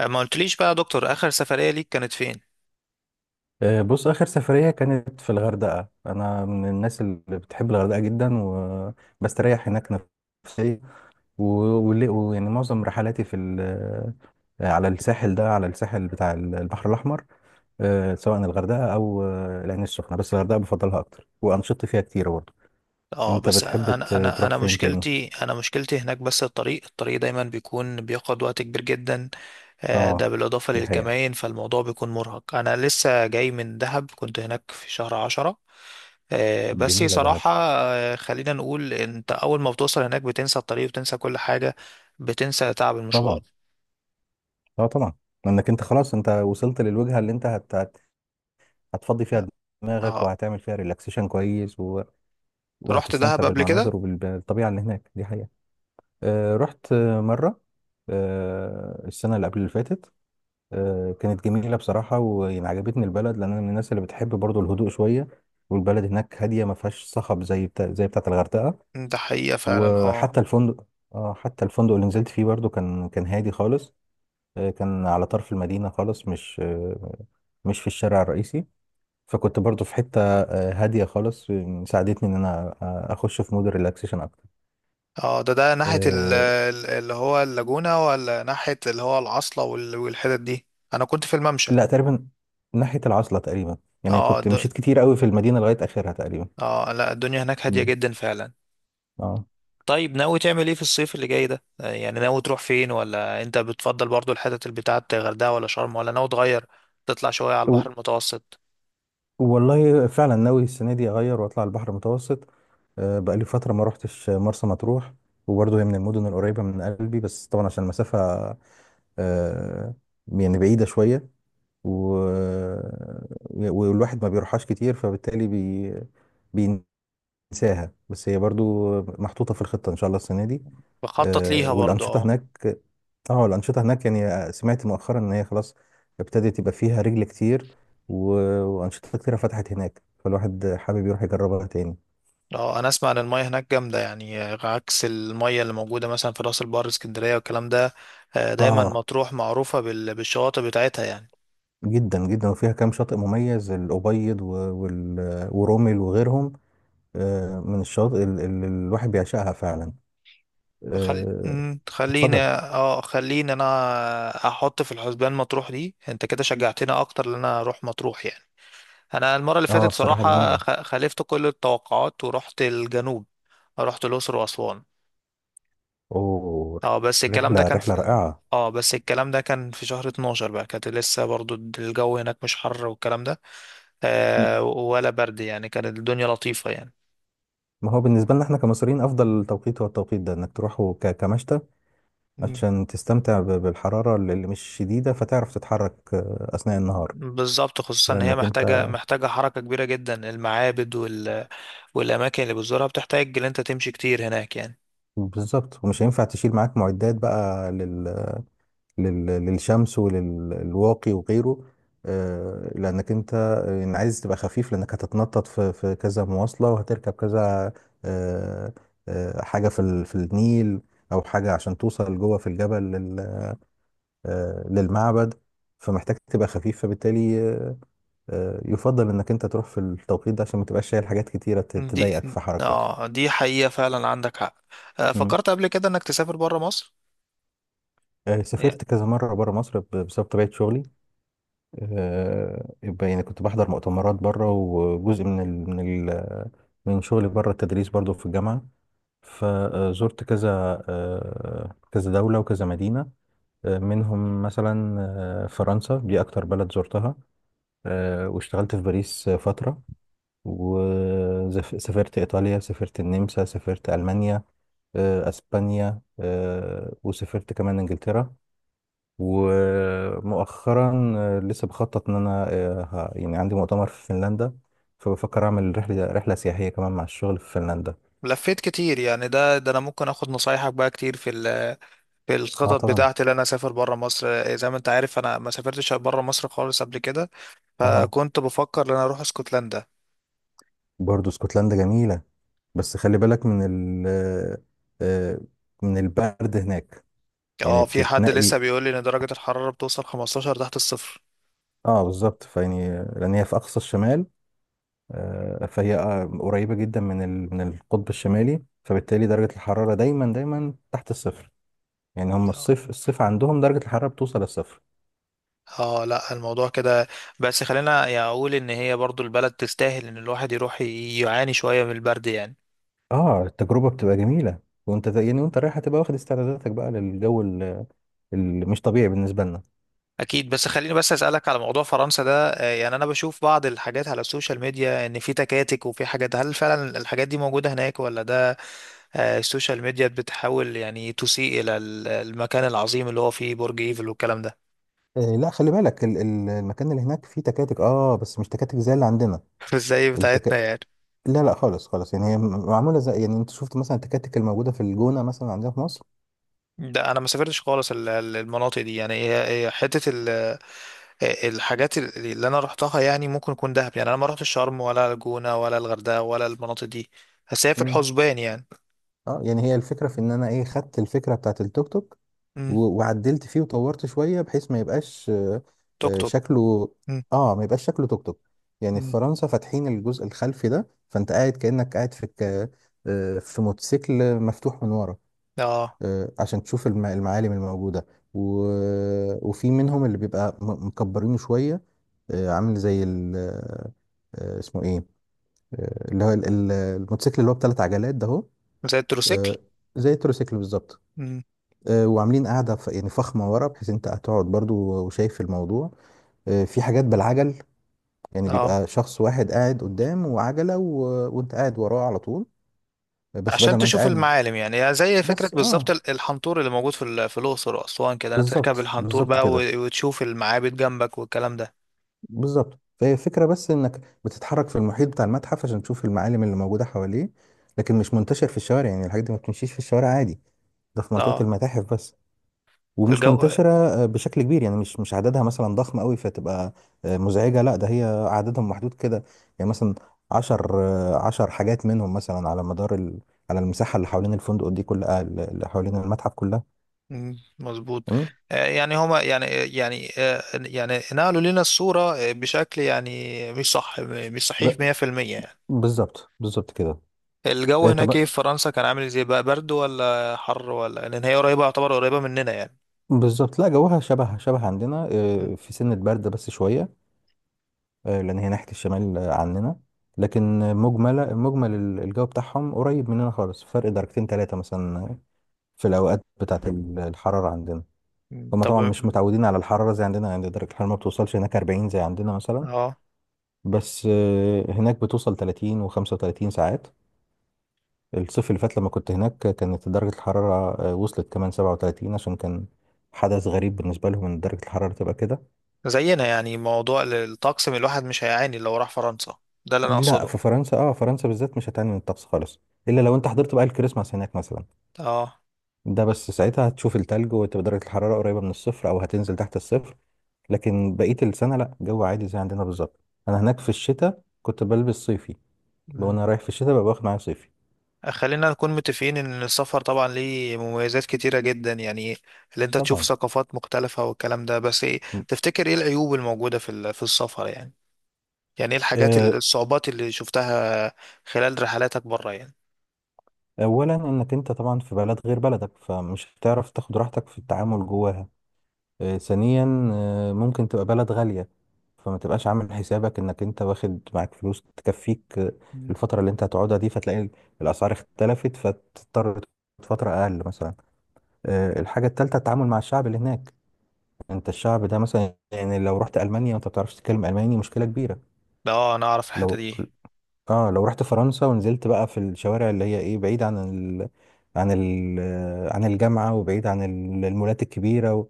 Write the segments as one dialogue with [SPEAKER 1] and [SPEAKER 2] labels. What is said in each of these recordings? [SPEAKER 1] ما قلتليش بقى يا دكتور اخر سفرية ليك كانت فين؟
[SPEAKER 2] بص، آخر سفرية كانت في الغردقة. أنا من الناس اللي بتحب الغردقة جدا وبستريح هناك نفسيا. و- ويعني معظم رحلاتي على الساحل ده، على الساحل بتاع البحر الأحمر. سواء الغردقة أو العين السخنة، بس الغردقة بفضلها أكتر، وأنشطتي فيها كتير برضه.
[SPEAKER 1] اه
[SPEAKER 2] أنت
[SPEAKER 1] بس
[SPEAKER 2] بتحب
[SPEAKER 1] انا انا
[SPEAKER 2] تروح
[SPEAKER 1] انا
[SPEAKER 2] فين تاني؟
[SPEAKER 1] مشكلتي، انا مشكلتي هناك بس الطريق دايما بيكون بياخد وقت كبير جدا.
[SPEAKER 2] أه،
[SPEAKER 1] ده بالاضافه
[SPEAKER 2] دي حقيقة.
[SPEAKER 1] للكمائن، فالموضوع بيكون مرهق. انا لسه جاي من دهب، كنت هناك في شهر عشرة. بس
[SPEAKER 2] جميلة دهب.
[SPEAKER 1] صراحه خلينا نقول انت اول ما بتوصل هناك بتنسى الطريق وبتنسى كل حاجه. بتنسى تعب المشوار.
[SPEAKER 2] طبعا. أه طبعا. لأنك أنت خلاص، أنت وصلت للوجهة اللي أنت هتفضي فيها دماغك،
[SPEAKER 1] اه،
[SPEAKER 2] وهتعمل فيها ريلاكسيشن كويس
[SPEAKER 1] رحت
[SPEAKER 2] وهتستمتع
[SPEAKER 1] دهب قبل كده؟
[SPEAKER 2] بالمناظر وبالطبيعة اللي هناك. دي حقيقة. آه، رحت مرة. آه، السنة اللي قبل اللي فاتت. آه، كانت جميلة بصراحة، ويعني عجبتني البلد لأن أنا من الناس اللي بتحب برضو الهدوء شوية. والبلد هناك هادية، ما فيهاش صخب زي بتاعة الغردقة.
[SPEAKER 1] ده حقيقه فعلا، اه.
[SPEAKER 2] وحتى الفندق، اه حتى الفندق اللي نزلت فيه برضو كان هادي خالص. كان على طرف المدينة خالص، مش في الشارع الرئيسي. فكنت برضو في حتة هادية خالص، ساعدتني إن أنا أخش في مود الريلاكسيشن أكتر.
[SPEAKER 1] اه، ده ناحية
[SPEAKER 2] آه،
[SPEAKER 1] اللي هو اللاجونة، ولا ناحية اللي هو العاصلة وال- والحتت دي؟ انا كنت في الممشى.
[SPEAKER 2] لا، تقريبا ناحية العزلة تقريبا.
[SPEAKER 1] اه
[SPEAKER 2] يعني كنت
[SPEAKER 1] د...
[SPEAKER 2] مشيت كتير قوي في المدينة لغاية آخرها تقريبا.
[SPEAKER 1] اه لا، الدنيا هناك هادية
[SPEAKER 2] مم.
[SPEAKER 1] جدا فعلا.
[SPEAKER 2] اه.
[SPEAKER 1] طيب، ناوي تعمل ايه في الصيف اللي جاي ده؟ يعني ناوي تروح فين، ولا انت بتفضل برضو الحتت اللي بتاعت غردقة ولا شرم، ولا ناوي تغير تطلع شوية على
[SPEAKER 2] و-
[SPEAKER 1] البحر المتوسط؟
[SPEAKER 2] والله فعلا ناوي السنة دي أغير وأطلع البحر المتوسط. آه، بقالي فترة ما روحتش مرسى مطروح، وبرضه هي من المدن القريبة من قلبي، بس طبعا عشان المسافة آه، يعني بعيدة شوية و... والواحد ما بيروحهاش كتير، فبالتالي بي... انساها، بس هي برضو محطوطة في الخطة إن شاء الله السنة دي.
[SPEAKER 1] بخطط ليها برضو،
[SPEAKER 2] والأنشطة
[SPEAKER 1] اه.
[SPEAKER 2] هناك، اه الأنشطة هناك يعني سمعت مؤخرا إن هي خلاص ابتدت، يبقى فيها رجل كتير وأنشطة كتيرة فتحت هناك، فالواحد حابب يروح يجربها تاني.
[SPEAKER 1] اه، انا اسمع ان المية هناك جامدة يعني، عكس المية اللي موجودة مثلا في راس البر، اسكندرية، والكلام ده. دايما
[SPEAKER 2] اه،
[SPEAKER 1] مطروح معروفة بالشواطئ بتاعتها يعني.
[SPEAKER 2] جدا جدا. وفيها كام شاطئ مميز: الأبيض ورمل وغيرهم. من الشاطئ اللي الواحد بيعشقها فعلا.
[SPEAKER 1] خل...
[SPEAKER 2] آه،
[SPEAKER 1] مم، خليني
[SPEAKER 2] اتفضل.
[SPEAKER 1] اه، خليني انا احط في الحسبان مطروح دي. انت كده شجعتني اكتر ان انا اروح مطروح يعني. انا المره اللي
[SPEAKER 2] اه
[SPEAKER 1] فاتت
[SPEAKER 2] بصراحة
[SPEAKER 1] صراحه
[SPEAKER 2] جميلة.
[SPEAKER 1] خ... خالفت كل التوقعات ورحت الجنوب. رحت الاقصر واسوان.
[SPEAKER 2] اوه.
[SPEAKER 1] اه بس الكلام ده
[SPEAKER 2] الرحلة
[SPEAKER 1] كان
[SPEAKER 2] رحلة
[SPEAKER 1] في...
[SPEAKER 2] رائعة.
[SPEAKER 1] اه بس الكلام ده كان في شهر 12 بقى، كانت لسه برضو الجو هناك مش حر والكلام ده. آه، ولا برد يعني، كانت الدنيا لطيفه يعني.
[SPEAKER 2] ما هو بالنسبة لنا احنا كمصريين أفضل توقيت هو التوقيت ده، إنك تروحه كمشتى،
[SPEAKER 1] مم.
[SPEAKER 2] عشان تستمتع بالحرارة اللي مش شديدة، فتعرف تتحرك أثناء النهار.
[SPEAKER 1] بالظبط، خصوصا ان هي
[SPEAKER 2] لأنك أنت
[SPEAKER 1] محتاجه حركه كبيره جدا. المعابد وال والأماكن اللي بتزورها بتحتاج إن أنت تمشي كتير هناك يعني.
[SPEAKER 2] بالظبط، ومش هينفع تشيل معاك معدات بقى للشمس وللواقي وغيره. لأنك أنت عايز تبقى خفيف، لأنك هتتنطط في كذا مواصلة، وهتركب كذا آه، حاجة في النيل، أو حاجة عشان توصل جوه في الجبل، للمعبد. فمحتاج تبقى خفيف، فبالتالي يفضل انك انت تروح في التوقيت ده، عشان ما تبقاش شايل حاجات كتيره
[SPEAKER 1] دي
[SPEAKER 2] تضايقك في حركه.
[SPEAKER 1] آه، دي حقيقة فعلا، عندك حق.
[SPEAKER 2] مم.
[SPEAKER 1] فكرت قبل كده إنك تسافر برا مصر؟ يعني
[SPEAKER 2] سافرت كذا مره بره مصر بسبب طبيعه شغلي. يبقى يعني كنت بحضر مؤتمرات بره، وجزء من شغلي بره التدريس برضو في الجامعه. فزرت كذا، كذا دوله وكذا مدينه. منهم مثلا فرنسا، دي اكتر بلد زرتها. واشتغلت في باريس فتره، وسافرت إيطاليا، سافرت النمسا، سافرت ألمانيا، أسبانيا، وسافرت كمان إنجلترا. ومؤخرا لسه بخطط إن أنا يعني عندي مؤتمر في فنلندا، فبفكر أعمل رحلة سياحية كمان مع الشغل في فنلندا.
[SPEAKER 1] لفيت كتير يعني. ده أنا ممكن آخد نصايحك بقى كتير في
[SPEAKER 2] اه
[SPEAKER 1] الخطط
[SPEAKER 2] طبعا.
[SPEAKER 1] بتاعتي اللي أنا أسافر برا مصر. زي ما أنت عارف أنا ما سافرتش برا مصر خالص قبل كده،
[SPEAKER 2] اه
[SPEAKER 1] فكنت بفكر إن أنا أروح اسكتلندا.
[SPEAKER 2] برضو اسكتلندا جميلة، بس خلي بالك من ال آه، آه، من البرد هناك، يعني
[SPEAKER 1] اه، في حد
[SPEAKER 2] تتنقي.
[SPEAKER 1] لسه بيقول لي إن درجة الحرارة بتوصل 15 تحت الصفر.
[SPEAKER 2] اه بالظبط، فيعني لأن هي في أقصى الشمال، فهي قريبة جدا من القطب الشمالي، فبالتالي درجة الحرارة دايما دايما تحت الصفر. يعني هم
[SPEAKER 1] آه.
[SPEAKER 2] الصيف الصيف عندهم درجة الحرارة بتوصل للصفر.
[SPEAKER 1] اه لا، الموضوع كده. بس خلينا يعني اقول ان هي برضو البلد تستاهل ان الواحد يروح ي- يعاني شوية من البرد يعني.
[SPEAKER 2] اه التجربة بتبقى جميلة. وانت يعني وانت رايح هتبقى واخد استعداداتك بقى للجو اللي مش طبيعي بالنسبة لنا.
[SPEAKER 1] اكيد. بس خليني بس اسالك على موضوع فرنسا ده. يعني انا بشوف بعض الحاجات على السوشيال ميديا ان في تكاتك وفي حاجات. هل فعلا الحاجات دي موجودة هناك، ولا ده السوشيال ميديا بتحاول يعني تسيء الى ال- المكان العظيم اللي هو فيه برج ايفل والكلام ده؟
[SPEAKER 2] آه، لا، خلي بالك المكان اللي هناك فيه تكاتك، اه بس مش تكاتك زي اللي عندنا.
[SPEAKER 1] ازاي بتاعتنا
[SPEAKER 2] التك...
[SPEAKER 1] يعني؟
[SPEAKER 2] لا لا، خالص خالص، يعني هي معمولة زي، يعني انت شفت مثلا التكاتك الموجودة في الجونة مثلا عندنا في مصر.
[SPEAKER 1] ده انا ما سافرتش خالص المناطق دي يعني. هي حتة الحاجات اللي اللي انا رحتها يعني ممكن يكون دهب يعني. انا ما رحتش شرم ولا الجونة ولا الغردقة ولا المناطق دي، بس هي في
[SPEAKER 2] مم.
[SPEAKER 1] الحسبان يعني.
[SPEAKER 2] اه يعني هي الفكرة في ان انا ايه خدت الفكرة بتاعت التوك توك
[SPEAKER 1] امم.
[SPEAKER 2] وعدلت فيه وطورت شوية بحيث ما يبقاش
[SPEAKER 1] توك توك.
[SPEAKER 2] شكله.
[SPEAKER 1] امم.
[SPEAKER 2] اه ما يبقاش شكله توك توك. يعني في
[SPEAKER 1] أمم.
[SPEAKER 2] فرنسا فاتحين الجزء الخلفي ده، فانت قاعد كأنك قاعد في في موتوسيكل مفتوح من ورا،
[SPEAKER 1] اه،
[SPEAKER 2] عشان تشوف المعالم الموجودة و... وفي منهم اللي بيبقى مكبرينه شوية، عامل زي ال... آه، اسمه ايه، اللي هو الموتوسيكل اللي هو بثلاث عجلات ده اهو.
[SPEAKER 1] زي التروسيكل.
[SPEAKER 2] آه، زي التروسيكل بالظبط.
[SPEAKER 1] امم.
[SPEAKER 2] وعاملين قاعدة يعني فخمة ورا، بحيث انت هتقعد برضو وشايف الموضوع. في حاجات بالعجل، يعني
[SPEAKER 1] اه،
[SPEAKER 2] بيبقى شخص واحد قاعد قدام وعجلة وانت قاعد وراه على طول، بس بدل
[SPEAKER 1] عشان
[SPEAKER 2] ما انت
[SPEAKER 1] تشوف
[SPEAKER 2] قاعد.
[SPEAKER 1] المعالم يعني. يعني زي فكرة
[SPEAKER 2] بس
[SPEAKER 1] بالظبط
[SPEAKER 2] اه
[SPEAKER 1] الحنطور اللي موجود في الأقصر وأسوان كده. أنا تركب
[SPEAKER 2] بالظبط
[SPEAKER 1] الحنطور
[SPEAKER 2] بالظبط
[SPEAKER 1] بقى
[SPEAKER 2] كده.
[SPEAKER 1] و- وتشوف المعابد جنبك والكلام ده.
[SPEAKER 2] بالظبط، فهي فكرة بس انك بتتحرك في المحيط بتاع المتحف عشان تشوف المعالم اللي موجودة حواليه. لكن مش منتشر في الشوارع، يعني الحاجات دي ما بتمشيش في الشوارع عادي. ده في منطقة
[SPEAKER 1] اه.
[SPEAKER 2] المتاحف بس ومش
[SPEAKER 1] الجو
[SPEAKER 2] منتشرة بشكل كبير، يعني مش عددها مثلا ضخم قوي، فتبقى مزعجة. لا، ده هي عددهم محدود كده، يعني مثلا عشر عشر حاجات منهم مثلا على مدار على المساحة اللي حوالين الفندق دي كلها، اللي حوالين المتحف كلها.
[SPEAKER 1] مم، مظبوط.
[SPEAKER 2] مم.
[SPEAKER 1] يعني هما يعني آه، يعني آه، يعني نقلوا لنا الصورة بشكل يعني مش صحيح
[SPEAKER 2] ب...
[SPEAKER 1] 100% يعني.
[SPEAKER 2] بالظبط بالظبط كده.
[SPEAKER 1] الجو هناك ايه
[SPEAKER 2] طب
[SPEAKER 1] في فرنسا كان عامل ازاي؟ بقى برد ولا حر، ولا لان هي قريبة، يعتبر قريبة مننا يعني؟
[SPEAKER 2] بالظبط، لا جوها شبه شبه عندنا،
[SPEAKER 1] مم،
[SPEAKER 2] في سنة برد بس شوية، لأن هي ناحية الشمال عننا. لكن مجمل مجمل الجو بتاعهم قريب مننا خالص، فرق درجتين ثلاثة مثلا، في الأوقات بتاعة الحرارة عندنا.
[SPEAKER 1] مم،
[SPEAKER 2] هما
[SPEAKER 1] طب.
[SPEAKER 2] طبعا مش
[SPEAKER 1] مم،
[SPEAKER 2] متعودين على الحرارة زي عندنا، يعني درجة الحرارة ما بتوصلش هناك 40 زي عندنا مثلا،
[SPEAKER 1] اه،
[SPEAKER 2] بس هناك بتوصل 30 و35 ساعات. الصيف اللي فات لما كنت هناك كانت درجة الحرارة وصلت كمان 37، عشان كان حدث غريب بالنسبة لهم ان درجة الحرارة تبقى كده.
[SPEAKER 1] زينا يعني. موضوع الطقس من الواحد مش هيعاني لو راح فرنسا، ده اللي انا
[SPEAKER 2] لا،
[SPEAKER 1] اقصده.
[SPEAKER 2] في فرنسا اه فرنسا بالذات مش هتعاني من الطقس خالص، الا لو انت حضرت بقى الكريسماس هناك مثلا.
[SPEAKER 1] اه،
[SPEAKER 2] ده بس ساعتها هتشوف التلج، وتبقى درجة الحرارة قريبة من الصفر او هتنزل تحت الصفر. لكن بقية السنة لا، جو عادي زي عندنا بالظبط. أنا هناك في الشتاء كنت بلبس صيفي، وأنا رايح في الشتاء ببقى باخد معايا صيفي.
[SPEAKER 1] خلينا نكون متفقين ان السفر طبعا ليه مميزات كتيرة جدا يعني، اللي انت تشوف
[SPEAKER 2] طبعا.
[SPEAKER 1] ثقافات مختلفة والكلام ده. بس ايه
[SPEAKER 2] م-
[SPEAKER 1] تفتكر ايه العيوب الموجودة في السفر يعني؟ يعني ايه الحاجات
[SPEAKER 2] آه،
[SPEAKER 1] ال- الصعوبات اللي شفتها خلال رحلاتك بره يعني؟
[SPEAKER 2] أولا، إنك أنت طبعا في بلد غير بلدك، فمش هتعرف تاخد راحتك في التعامل جواها. ثانيا ممكن تبقى بلد غالية، فما تبقاش عامل حسابك إنك أنت واخد معاك فلوس تكفيك
[SPEAKER 1] مم.
[SPEAKER 2] الفترة اللي أنت هتقعدها دي، فتلاقي الأسعار اختلفت، فتضطر تقعد فترة أقل مثلا. الحاجة التالتة، التعامل مع الشعب اللي هناك. انت الشعب ده مثلا يعني لو رحت المانيا وانت ما بتعرفش تتكلم الماني مشكله كبيره.
[SPEAKER 1] ده اه، انا اعرف الحتة
[SPEAKER 2] لو
[SPEAKER 1] دي
[SPEAKER 2] اه لو رحت فرنسا ونزلت بقى في الشوارع اللي هي ايه، بعيد عن ال... عن ال... عن الجامعه وبعيد عن المولات الكبيره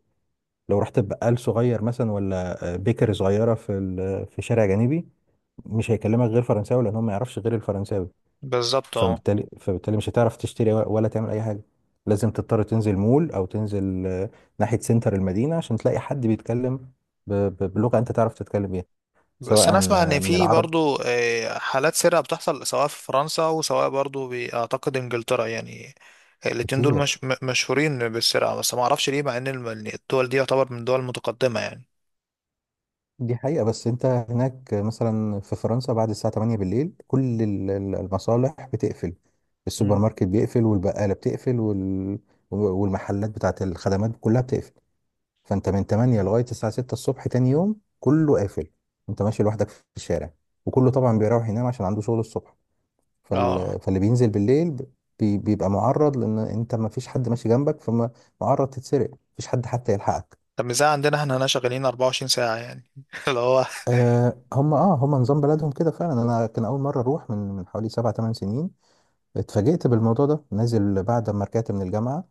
[SPEAKER 2] لو رحت بقال صغير مثلا، ولا بيكر صغيره في شارع جانبي، مش هيكلمك غير فرنساوي، لان هو ما يعرفش غير الفرنساوي.
[SPEAKER 1] بالظبط. اه،
[SPEAKER 2] فبالتالي مش هتعرف تشتري ولا تعمل اي حاجه. لازم تضطر تنزل مول او تنزل ناحيه سنتر المدينه عشان تلاقي حد بيتكلم بلغه انت تعرف تتكلم بيها. سواء
[SPEAKER 1] بس انا اسمع ان
[SPEAKER 2] من
[SPEAKER 1] في
[SPEAKER 2] العرب
[SPEAKER 1] برضو حالات سرقة بتحصل، سواء في فرنسا وسواء برضو بأعتقد انجلترا يعني. الاتنين دول
[SPEAKER 2] كتير.
[SPEAKER 1] مش م- مشهورين بالسرقة، بس ما اعرفش ليه، مع ان الم- الدول دي يعتبر من دول متقدمة يعني.
[SPEAKER 2] دي حقيقه، بس انت هناك مثلا في فرنسا بعد الساعه 8 بالليل كل المصالح بتقفل، السوبر
[SPEAKER 1] مم.
[SPEAKER 2] ماركت بيقفل والبقاله بتقفل والمحلات بتاعت الخدمات كلها بتقفل. فانت من 8 لغايه الساعه 6 الصبح تاني يوم كله قافل. انت ماشي لوحدك في الشارع، وكله طبعا بيروح ينام عشان عنده شغل الصبح.
[SPEAKER 1] اه،
[SPEAKER 2] فاللي بينزل بالليل بيبقى معرض، لان انت ما فيش حد ماشي جنبك، فمعرض تتسرق مفيش حد حتى يلحقك.
[SPEAKER 1] طب مش زي عندنا احنا هنا شغالين 24 ساعة يعني اللي هو
[SPEAKER 2] أه هم نظام بلدهم كده فعلا. انا كان اول مره اروح من حوالي سبع ثمان سنين، اتفاجئت بالموضوع ده. نازل بعد ما رجعت من الجامعه،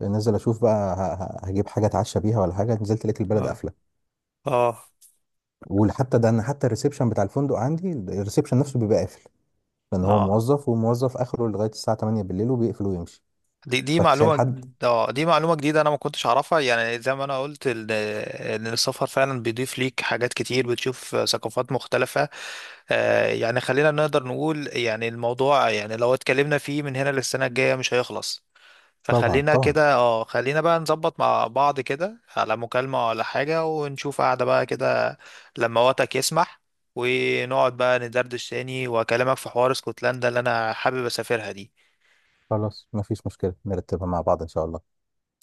[SPEAKER 2] نازل اشوف بقى هجيب حاجه اتعشى بيها ولا حاجه، نزلت لقيت البلد
[SPEAKER 1] اه
[SPEAKER 2] قافله.
[SPEAKER 1] اه
[SPEAKER 2] وحتى ده انا حتى الريسبشن بتاع الفندق عندي، الريسبشن نفسه بيبقى قافل، لان هو
[SPEAKER 1] اه.
[SPEAKER 2] موظف، وموظف اخره لغايه الساعه 8 بالليل وبيقفل ويمشي.
[SPEAKER 1] دي دي
[SPEAKER 2] فتخيل
[SPEAKER 1] معلومة.
[SPEAKER 2] حد.
[SPEAKER 1] اه، دي معلومة جديدة انا ما كنتش اعرفها يعني. زي ما انا قلت ال- ان السفر فعلا بيضيف ليك حاجات كتير، بتشوف ثقافات مختلفة. آه، يعني خلينا نقدر نقول يعني الموضوع، يعني لو اتكلمنا فيه من هنا للسنة الجاية مش هيخلص.
[SPEAKER 2] طبعا
[SPEAKER 1] فخلينا
[SPEAKER 2] طبعا.
[SPEAKER 1] كده اه، خلينا بقى نظبط مع بعض كده على مكالمة ولا حاجة ونشوف قعدة بقى كده لما وقتك يسمح، ونقعد بقى ندردش تاني واكلمك في حوار اسكتلندا اللي انا حابب اسافرها دي.
[SPEAKER 2] خلاص مفيش مشكله، نرتبها مع بعض ان شاء الله.